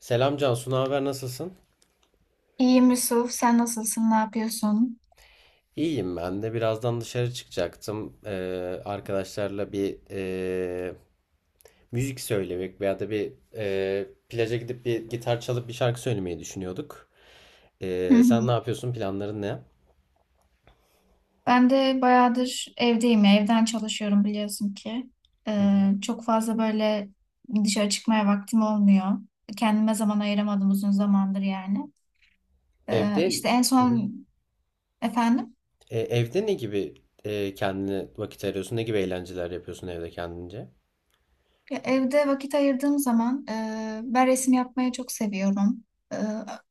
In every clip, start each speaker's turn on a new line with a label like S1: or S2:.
S1: Selam Cansu, ne haber, nasılsın?
S2: İyiyim Yusuf, sen nasılsın, ne yapıyorsun?
S1: İyiyim ben de. Birazdan dışarı çıkacaktım. Arkadaşlarla bir müzik söylemek veya da bir plaja gidip bir gitar çalıp bir şarkı söylemeyi düşünüyorduk.
S2: Hı
S1: Sen ne
S2: hı.
S1: yapıyorsun? Planların ne?
S2: Ben de bayağıdır evdeyim, ya, evden çalışıyorum biliyorsun ki.
S1: Hı hı.
S2: Çok fazla böyle dışarı çıkmaya vaktim olmuyor. Kendime zaman ayıramadım uzun zamandır yani.
S1: Evde.
S2: İşte en
S1: Hı hı.
S2: son efendim.
S1: Evde ne gibi kendine vakit ayırıyorsun? Ne gibi eğlenceler yapıyorsun evde kendince?
S2: Ya evde vakit ayırdığım zaman ben resim yapmayı çok seviyorum. E,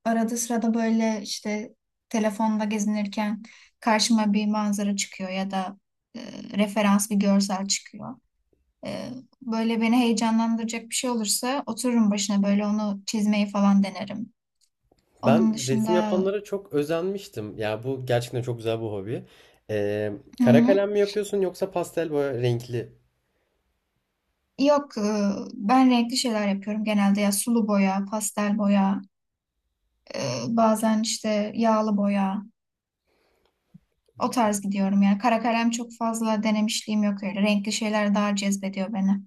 S2: arada sırada böyle işte telefonda gezinirken karşıma bir manzara çıkıyor ya da e, referans bir görsel çıkıyor. E, böyle beni heyecanlandıracak bir şey olursa otururum başına böyle onu çizmeyi falan denerim. Onun
S1: Ben resim
S2: dışında.
S1: yapanlara çok özenmiştim. Ya bu gerçekten çok güzel bir hobi. Ee,
S2: Hı
S1: Kara
S2: hı.
S1: kalem mi yapıyorsun yoksa pastel boya renkli?
S2: Yok ben renkli şeyler yapıyorum genelde ya sulu boya, pastel boya, e, bazen işte yağlı boya. O tarz gidiyorum yani. Kara kalem çok fazla denemişliğim yok öyle. Renkli şeyler daha cezbediyor beni.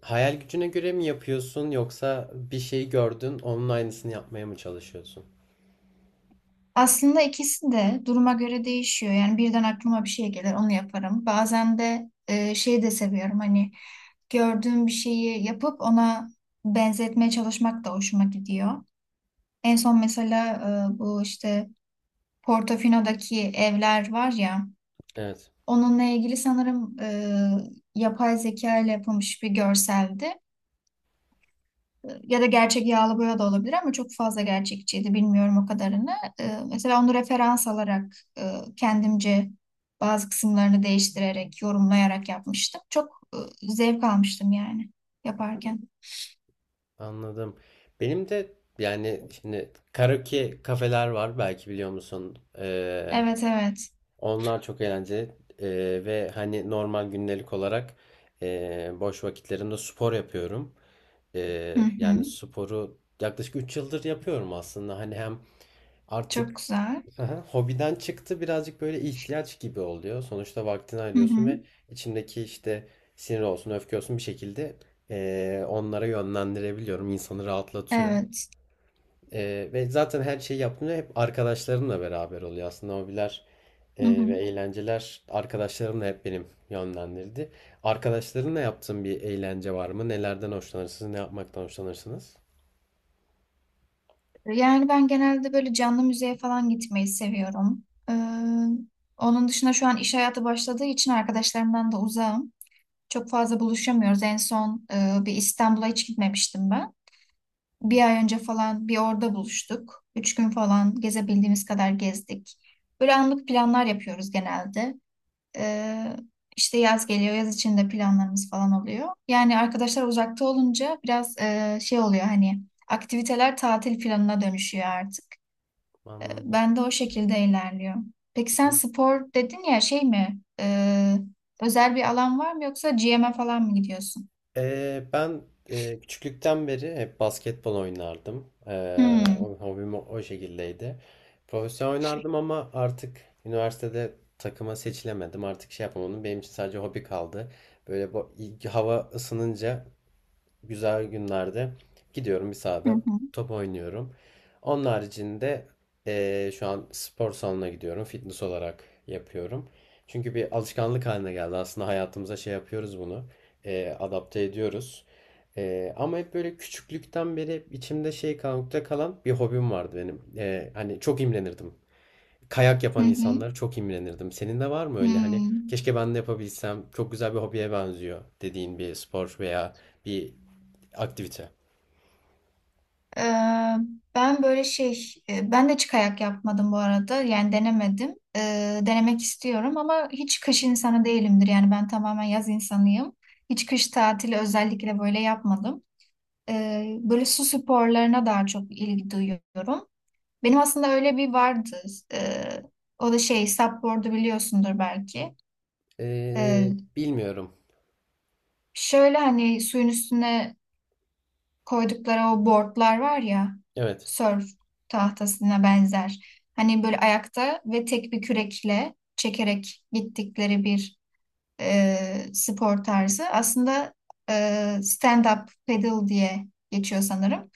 S1: Hayal gücüne göre mi yapıyorsun yoksa bir şey gördün onun aynısını yapmaya mı çalışıyorsun?
S2: Aslında ikisi de duruma göre değişiyor. Yani birden aklıma bir şey gelir, onu yaparım. Bazen de şeyi de seviyorum. Hani gördüğüm bir şeyi yapıp ona benzetmeye çalışmak da hoşuma gidiyor. En son mesela bu işte Portofino'daki evler var ya,
S1: Evet,
S2: onunla ilgili sanırım yapay zeka ile yapılmış bir görseldi. Ya da gerçek yağlı boya da olabilir ama çok fazla gerçekçiydi. Bilmiyorum o kadarını. Mesela onu referans alarak kendimce bazı kısımlarını değiştirerek, yorumlayarak yapmıştım. Çok zevk almıştım yani yaparken.
S1: anladım. Benim de, yani şimdi karaoke kafeler var, belki biliyor musun?
S2: Evet, evet.
S1: Onlar çok eğlenceli. Ve hani normal gündelik olarak boş vakitlerimde spor yapıyorum.
S2: Hı
S1: Yani
S2: hı.
S1: sporu yaklaşık 3 yıldır yapıyorum aslında. Hani hem
S2: Çok
S1: artık,
S2: güzel.
S1: aha, hobiden çıktı birazcık, böyle ihtiyaç gibi oluyor. Sonuçta vaktini
S2: Hı
S1: ayırıyorsun ve
S2: hı.
S1: içimdeki işte sinir olsun, öfke olsun bir şekilde, onlara yönlendirebiliyorum. İnsanı rahatlatıyor.
S2: Evet.
S1: Ve zaten her şeyi yaptığımda hep arkadaşlarımla beraber oluyor. Aslında hobiler
S2: Hı hı.
S1: ve eğlenceler arkadaşlarımla hep benim yönlendirdi. Arkadaşlarınla yaptığın bir eğlence var mı? Nelerden hoşlanırsınız? Ne yapmaktan hoşlanırsınız?
S2: Yani ben genelde böyle canlı müzeye falan gitmeyi seviyorum. Ee, onun dışında şu an iş hayatı başladığı için arkadaşlarımdan da uzağım. Çok fazla buluşamıyoruz. En son bir İstanbul'a hiç gitmemiştim ben. Bir ay önce falan bir orada buluştuk. 3 gün falan gezebildiğimiz kadar gezdik. Böyle anlık planlar yapıyoruz genelde. E, işte yaz geliyor, yaz içinde planlarımız falan oluyor. Yani arkadaşlar uzakta olunca biraz şey oluyor hani aktiviteler tatil planına dönüşüyor artık. E,
S1: Anladım.
S2: ben de o şekilde ilerliyor. Peki sen spor dedin ya şey mi? Özel bir alan var mı yoksa GM'e falan mı gidiyorsun?
S1: Ben küçüklükten beri hep basketbol oynardım.
S2: Hmm.
S1: Hobim o şekildeydi. Profesyonel oynardım ama artık üniversitede takıma seçilemedim. Artık şey yapamadım. Benim için sadece hobi kaldı. Böyle bu, hava ısınınca güzel günlerde gidiyorum, bir
S2: Hı
S1: sahada
S2: hı.
S1: top oynuyorum. Onun haricinde şu an spor salonuna gidiyorum. Fitness olarak yapıyorum. Çünkü bir alışkanlık haline geldi. Aslında hayatımıza şey yapıyoruz bunu, adapte ediyoruz. Ama hep böyle küçüklükten beri içimde şey kalmakta kalan bir hobim vardı benim. Hani çok imrenirdim. Kayak
S2: Hı
S1: yapan
S2: hı.
S1: insanlara çok imrenirdim. Senin de var mı öyle, hani
S2: Hmm.
S1: keşke ben de yapabilsem çok güzel bir hobiye benziyor dediğin bir spor veya bir aktivite.
S2: Ee, ben böyle şey, ben de yapmadım bu arada. Yani denemedim. Denemek istiyorum ama hiç kış insanı değilimdir. Yani ben tamamen yaz insanıyım. Hiç kış tatili özellikle böyle yapmadım. Böyle su sporlarına daha çok ilgi duyuyorum. Benim aslında öyle bir vardı. Ee, o da şey, supboard'u biliyorsundur belki. Ee,
S1: Bilmiyorum.
S2: şöyle hani suyun üstüne koydukları o boardlar var ya
S1: Evet.
S2: surf tahtasına benzer. Hani böyle ayakta ve tek bir kürekle çekerek gittikleri bir spor tarzı. Aslında e, stand-up paddle diye geçiyor sanırım.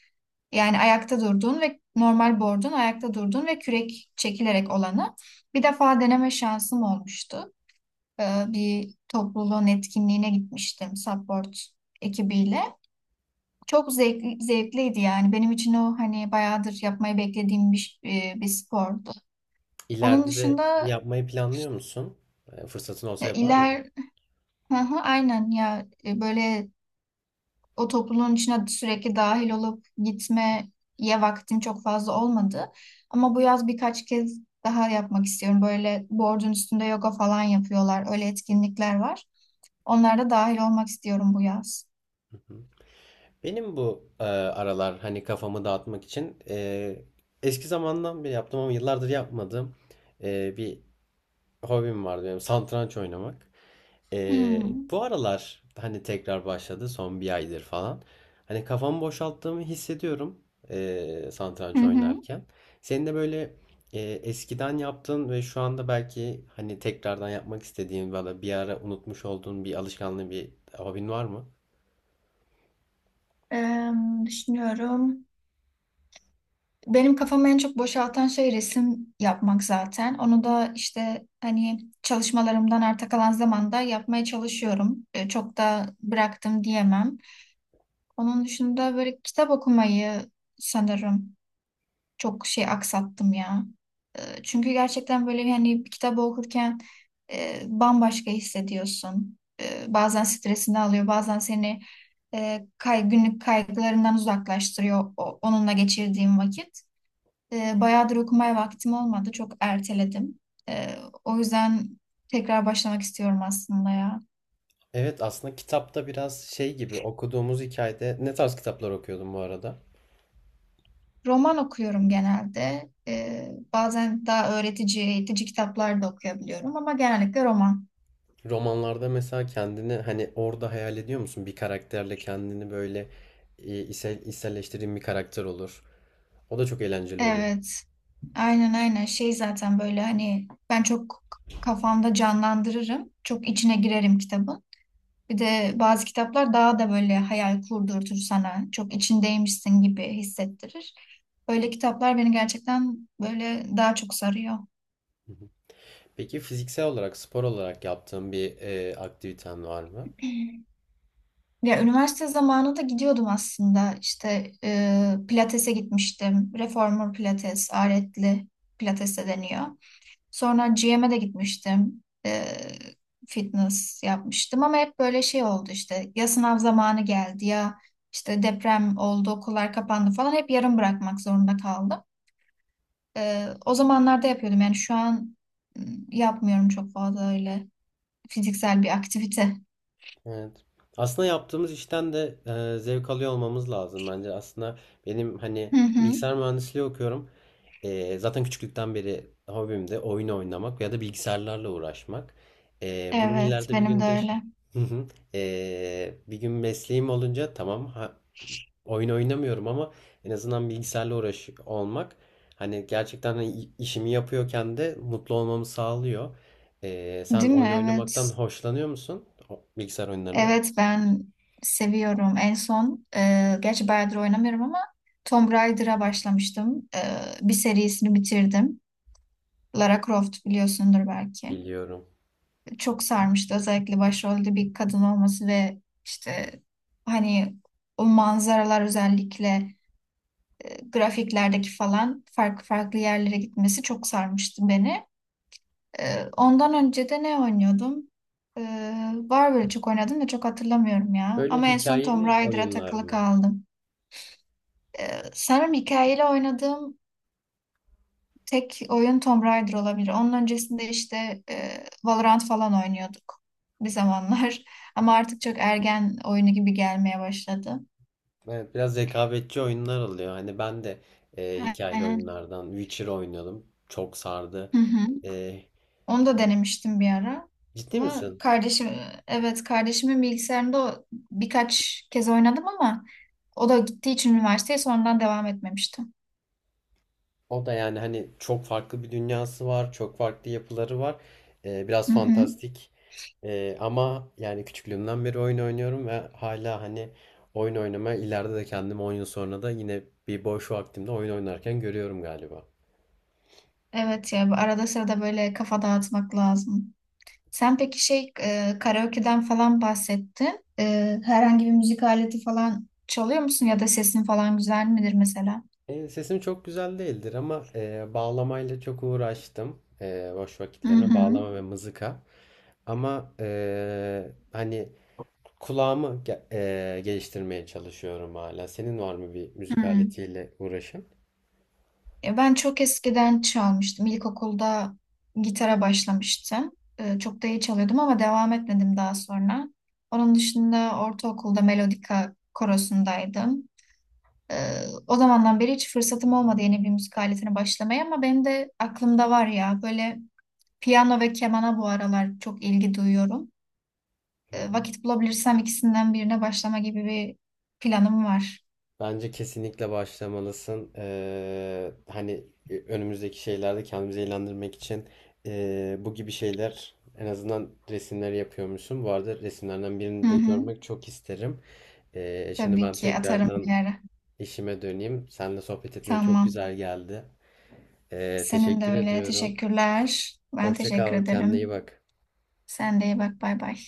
S2: Yani ayakta durduğun ve normal board'un ayakta durduğun ve kürek çekilerek olanı. Bir defa deneme şansım olmuştu. Bir topluluğun etkinliğine gitmiştim support ekibiyle. Çok zevkliydi yani. Benim için o hani bayağıdır yapmayı beklediğim bir spordu. Onun
S1: İleride de
S2: dışında
S1: yapmayı planlıyor musun? Fırsatın olsa
S2: e,
S1: yapar mıydın?
S2: iler Hı hı, aynen ya. Böyle o topluluğun içine sürekli dahil olup gitmeye vaktim çok fazla olmadı. Ama bu yaz birkaç kez daha yapmak istiyorum. Böyle board'un üstünde yoga falan yapıyorlar. Öyle etkinlikler var. Onlara da dahil olmak istiyorum bu yaz.
S1: Hı hı. Benim bu aralar hani kafamı dağıtmak için, eski zamandan beri yaptım ama yıllardır yapmadığım bir hobim vardı benim, satranç oynamak. Ee,
S2: Hmm.
S1: Bu aralar hani tekrar başladı, son bir aydır falan. Hani kafamı boşalttığımı hissediyorum
S2: Hı
S1: satranç
S2: hı.
S1: oynarken. Senin de böyle eskiden yaptığın ve şu anda belki hani tekrardan yapmak istediğin, valla bir ara unutmuş olduğun bir alışkanlığı, bir hobin var mı?
S2: Düşünüyorum. Benim kafamı en çok boşaltan şey resim yapmak zaten. Onu da işte hani çalışmalarımdan arta kalan zamanda yapmaya çalışıyorum. Çok da bıraktım diyemem. Onun dışında böyle kitap okumayı sanırım çok şey aksattım ya. Çünkü gerçekten böyle hani bir kitabı okurken bambaşka hissediyorsun. Bazen stresini alıyor, bazen seni günlük kaygılarından uzaklaştırıyor onunla geçirdiğim vakit. Bayağıdır okumaya vaktim olmadı. Çok erteledim. E, o yüzden tekrar başlamak istiyorum aslında ya.
S1: Evet, aslında kitapta biraz şey gibi, okuduğumuz hikayede ne tarz kitaplar okuyordun bu arada?
S2: Roman okuyorum genelde. Bazen daha öğretici, eğitici kitaplar da okuyabiliyorum ama genellikle roman.
S1: Romanlarda mesela kendini hani orada hayal ediyor musun? Bir karakterle kendini böyle içselleştirdiğin bir karakter olur. O da çok eğlenceli olur.
S2: Evet. Aynen, aynen. Şey zaten böyle hani ben çok kafamda canlandırırım. Çok içine girerim kitabın. Bir de bazı kitaplar daha da böyle hayal kurdurtur sana. Çok içindeymişsin gibi hissettirir. Öyle kitaplar beni gerçekten böyle daha çok sarıyor.
S1: Hı hı. Peki fiziksel olarak, spor olarak yaptığın bir aktiviten var mı?
S2: Ya üniversite zamanı da gidiyordum aslında. İşte pilatese gitmiştim. Reformer pilates, aletli pilates de deniyor. Sonra GM'e de gitmiştim. Fitness yapmıştım ama hep böyle şey oldu işte. Ya sınav zamanı geldi ya işte deprem oldu, okullar kapandı falan. Hep yarım bırakmak zorunda kaldım. O zamanlarda yapıyordum yani şu an yapmıyorum çok fazla öyle fiziksel bir aktivite.
S1: Evet. Aslında yaptığımız işten de zevk alıyor olmamız lazım bence. Aslında benim hani,
S2: Hı hı.
S1: bilgisayar mühendisliği okuyorum. Zaten küçüklükten beri hobim de oyun oynamak ya da bilgisayarlarla uğraşmak. Bunun
S2: Evet,
S1: ileride bir
S2: benim de
S1: günde
S2: öyle.
S1: hı hı. Bir gün mesleğim olunca, tamam ha, oyun oynamıyorum ama en azından bilgisayarla uğraş olmak, hani gerçekten hani işimi yapıyorken de mutlu olmamı sağlıyor. Sen
S2: Değil mi?
S1: oyun oynamaktan
S2: Evet.
S1: hoşlanıyor musun? Bilgisayar oyunlarından.
S2: Evet ben seviyorum. En son gerçi bayağıdır oynamıyorum ama Tomb Raider'a başlamıştım. Bir serisini bitirdim. Lara Croft biliyorsundur belki.
S1: Biliyorum.
S2: Çok sarmıştı. Özellikle başrolde bir kadın olması ve işte hani o manzaralar özellikle grafiklerdeki falan farklı farklı yerlere gitmesi çok sarmıştı beni. Ondan önce de ne oynuyordum? Var böyle çok oynadım da çok hatırlamıyorum ya.
S1: Böyle
S2: Ama en son Tomb
S1: hikayeli
S2: Raider'a
S1: oyunlar
S2: takılı
S1: mı?
S2: kaldım. Sanırım hikayeli oynadığım tek oyun Tomb Raider olabilir. Onun öncesinde işte Valorant falan oynuyorduk bir zamanlar. Ama artık çok ergen oyunu gibi gelmeye başladı.
S1: Evet, biraz rekabetçi oyunlar oluyor. Hani ben de hikayeli
S2: Aynen.
S1: oyunlardan Witcher oynuyordum. Çok sardı.
S2: Hı hı.
S1: E,
S2: Onu da denemiştim bir ara.
S1: Ciddi
S2: Ama
S1: misin?
S2: kardeşim, evet kardeşimin bilgisayarında o birkaç kez oynadım ama o da gittiği için üniversiteye sonradan devam etmemiştim.
S1: O da yani hani çok farklı bir dünyası var, çok farklı yapıları var. Biraz
S2: Hı hı.
S1: fantastik. Ama yani küçüklüğümden beri oyun oynuyorum ve hala hani oyun oynamaya, ileride de kendimi 10 yıl sonra da yine bir boş vaktimde oyun oynarken görüyorum galiba.
S2: Evet ya bu arada sırada böyle kafa dağıtmak lazım. Sen peki karaoke'den falan bahsettin. Herhangi bir müzik aleti falan çalıyor musun ya da sesin falan güzel midir mesela?
S1: Sesim çok güzel değildir ama bağlamayla çok uğraştım. Boş
S2: Hı
S1: vakitlerime
S2: hı.
S1: bağlama ve mızıka. Ama hani kulağımı geliştirmeye çalışıyorum hala. Senin var mı bir
S2: Hı.
S1: müzik aletiyle uğraşın?
S2: Ben çok eskiden çalmıştım. İlkokulda gitara başlamıştım. Çok da iyi çalıyordum ama devam etmedim daha sonra. Onun dışında ortaokulda melodika korosundaydım. E, O zamandan beri hiç fırsatım olmadı yeni bir müzik aletine başlamaya ama benim de aklımda var ya böyle piyano ve kemana bu aralar çok ilgi duyuyorum. Vakit bulabilirsem ikisinden birine başlama gibi bir planım var.
S1: Bence kesinlikle başlamalısın. Hani önümüzdeki şeylerde kendimizi eğlendirmek için, bu gibi şeyler, en azından resimleri yapıyormuşsun. Bu arada resimlerden
S2: Hı
S1: birini de
S2: hı.
S1: görmek çok isterim. Şimdi
S2: Tabii
S1: ben
S2: ki atarım bir
S1: tekrardan
S2: ara.
S1: işime döneyim. Seninle sohbet etmek çok
S2: Tamam.
S1: güzel geldi.
S2: Senin de
S1: Teşekkür
S2: öyle.
S1: ediyorum.
S2: Teşekkürler. Ben
S1: Hoşça
S2: teşekkür
S1: kal, kendine iyi
S2: ederim.
S1: bak.
S2: Sen de iyi bak. Bay bay.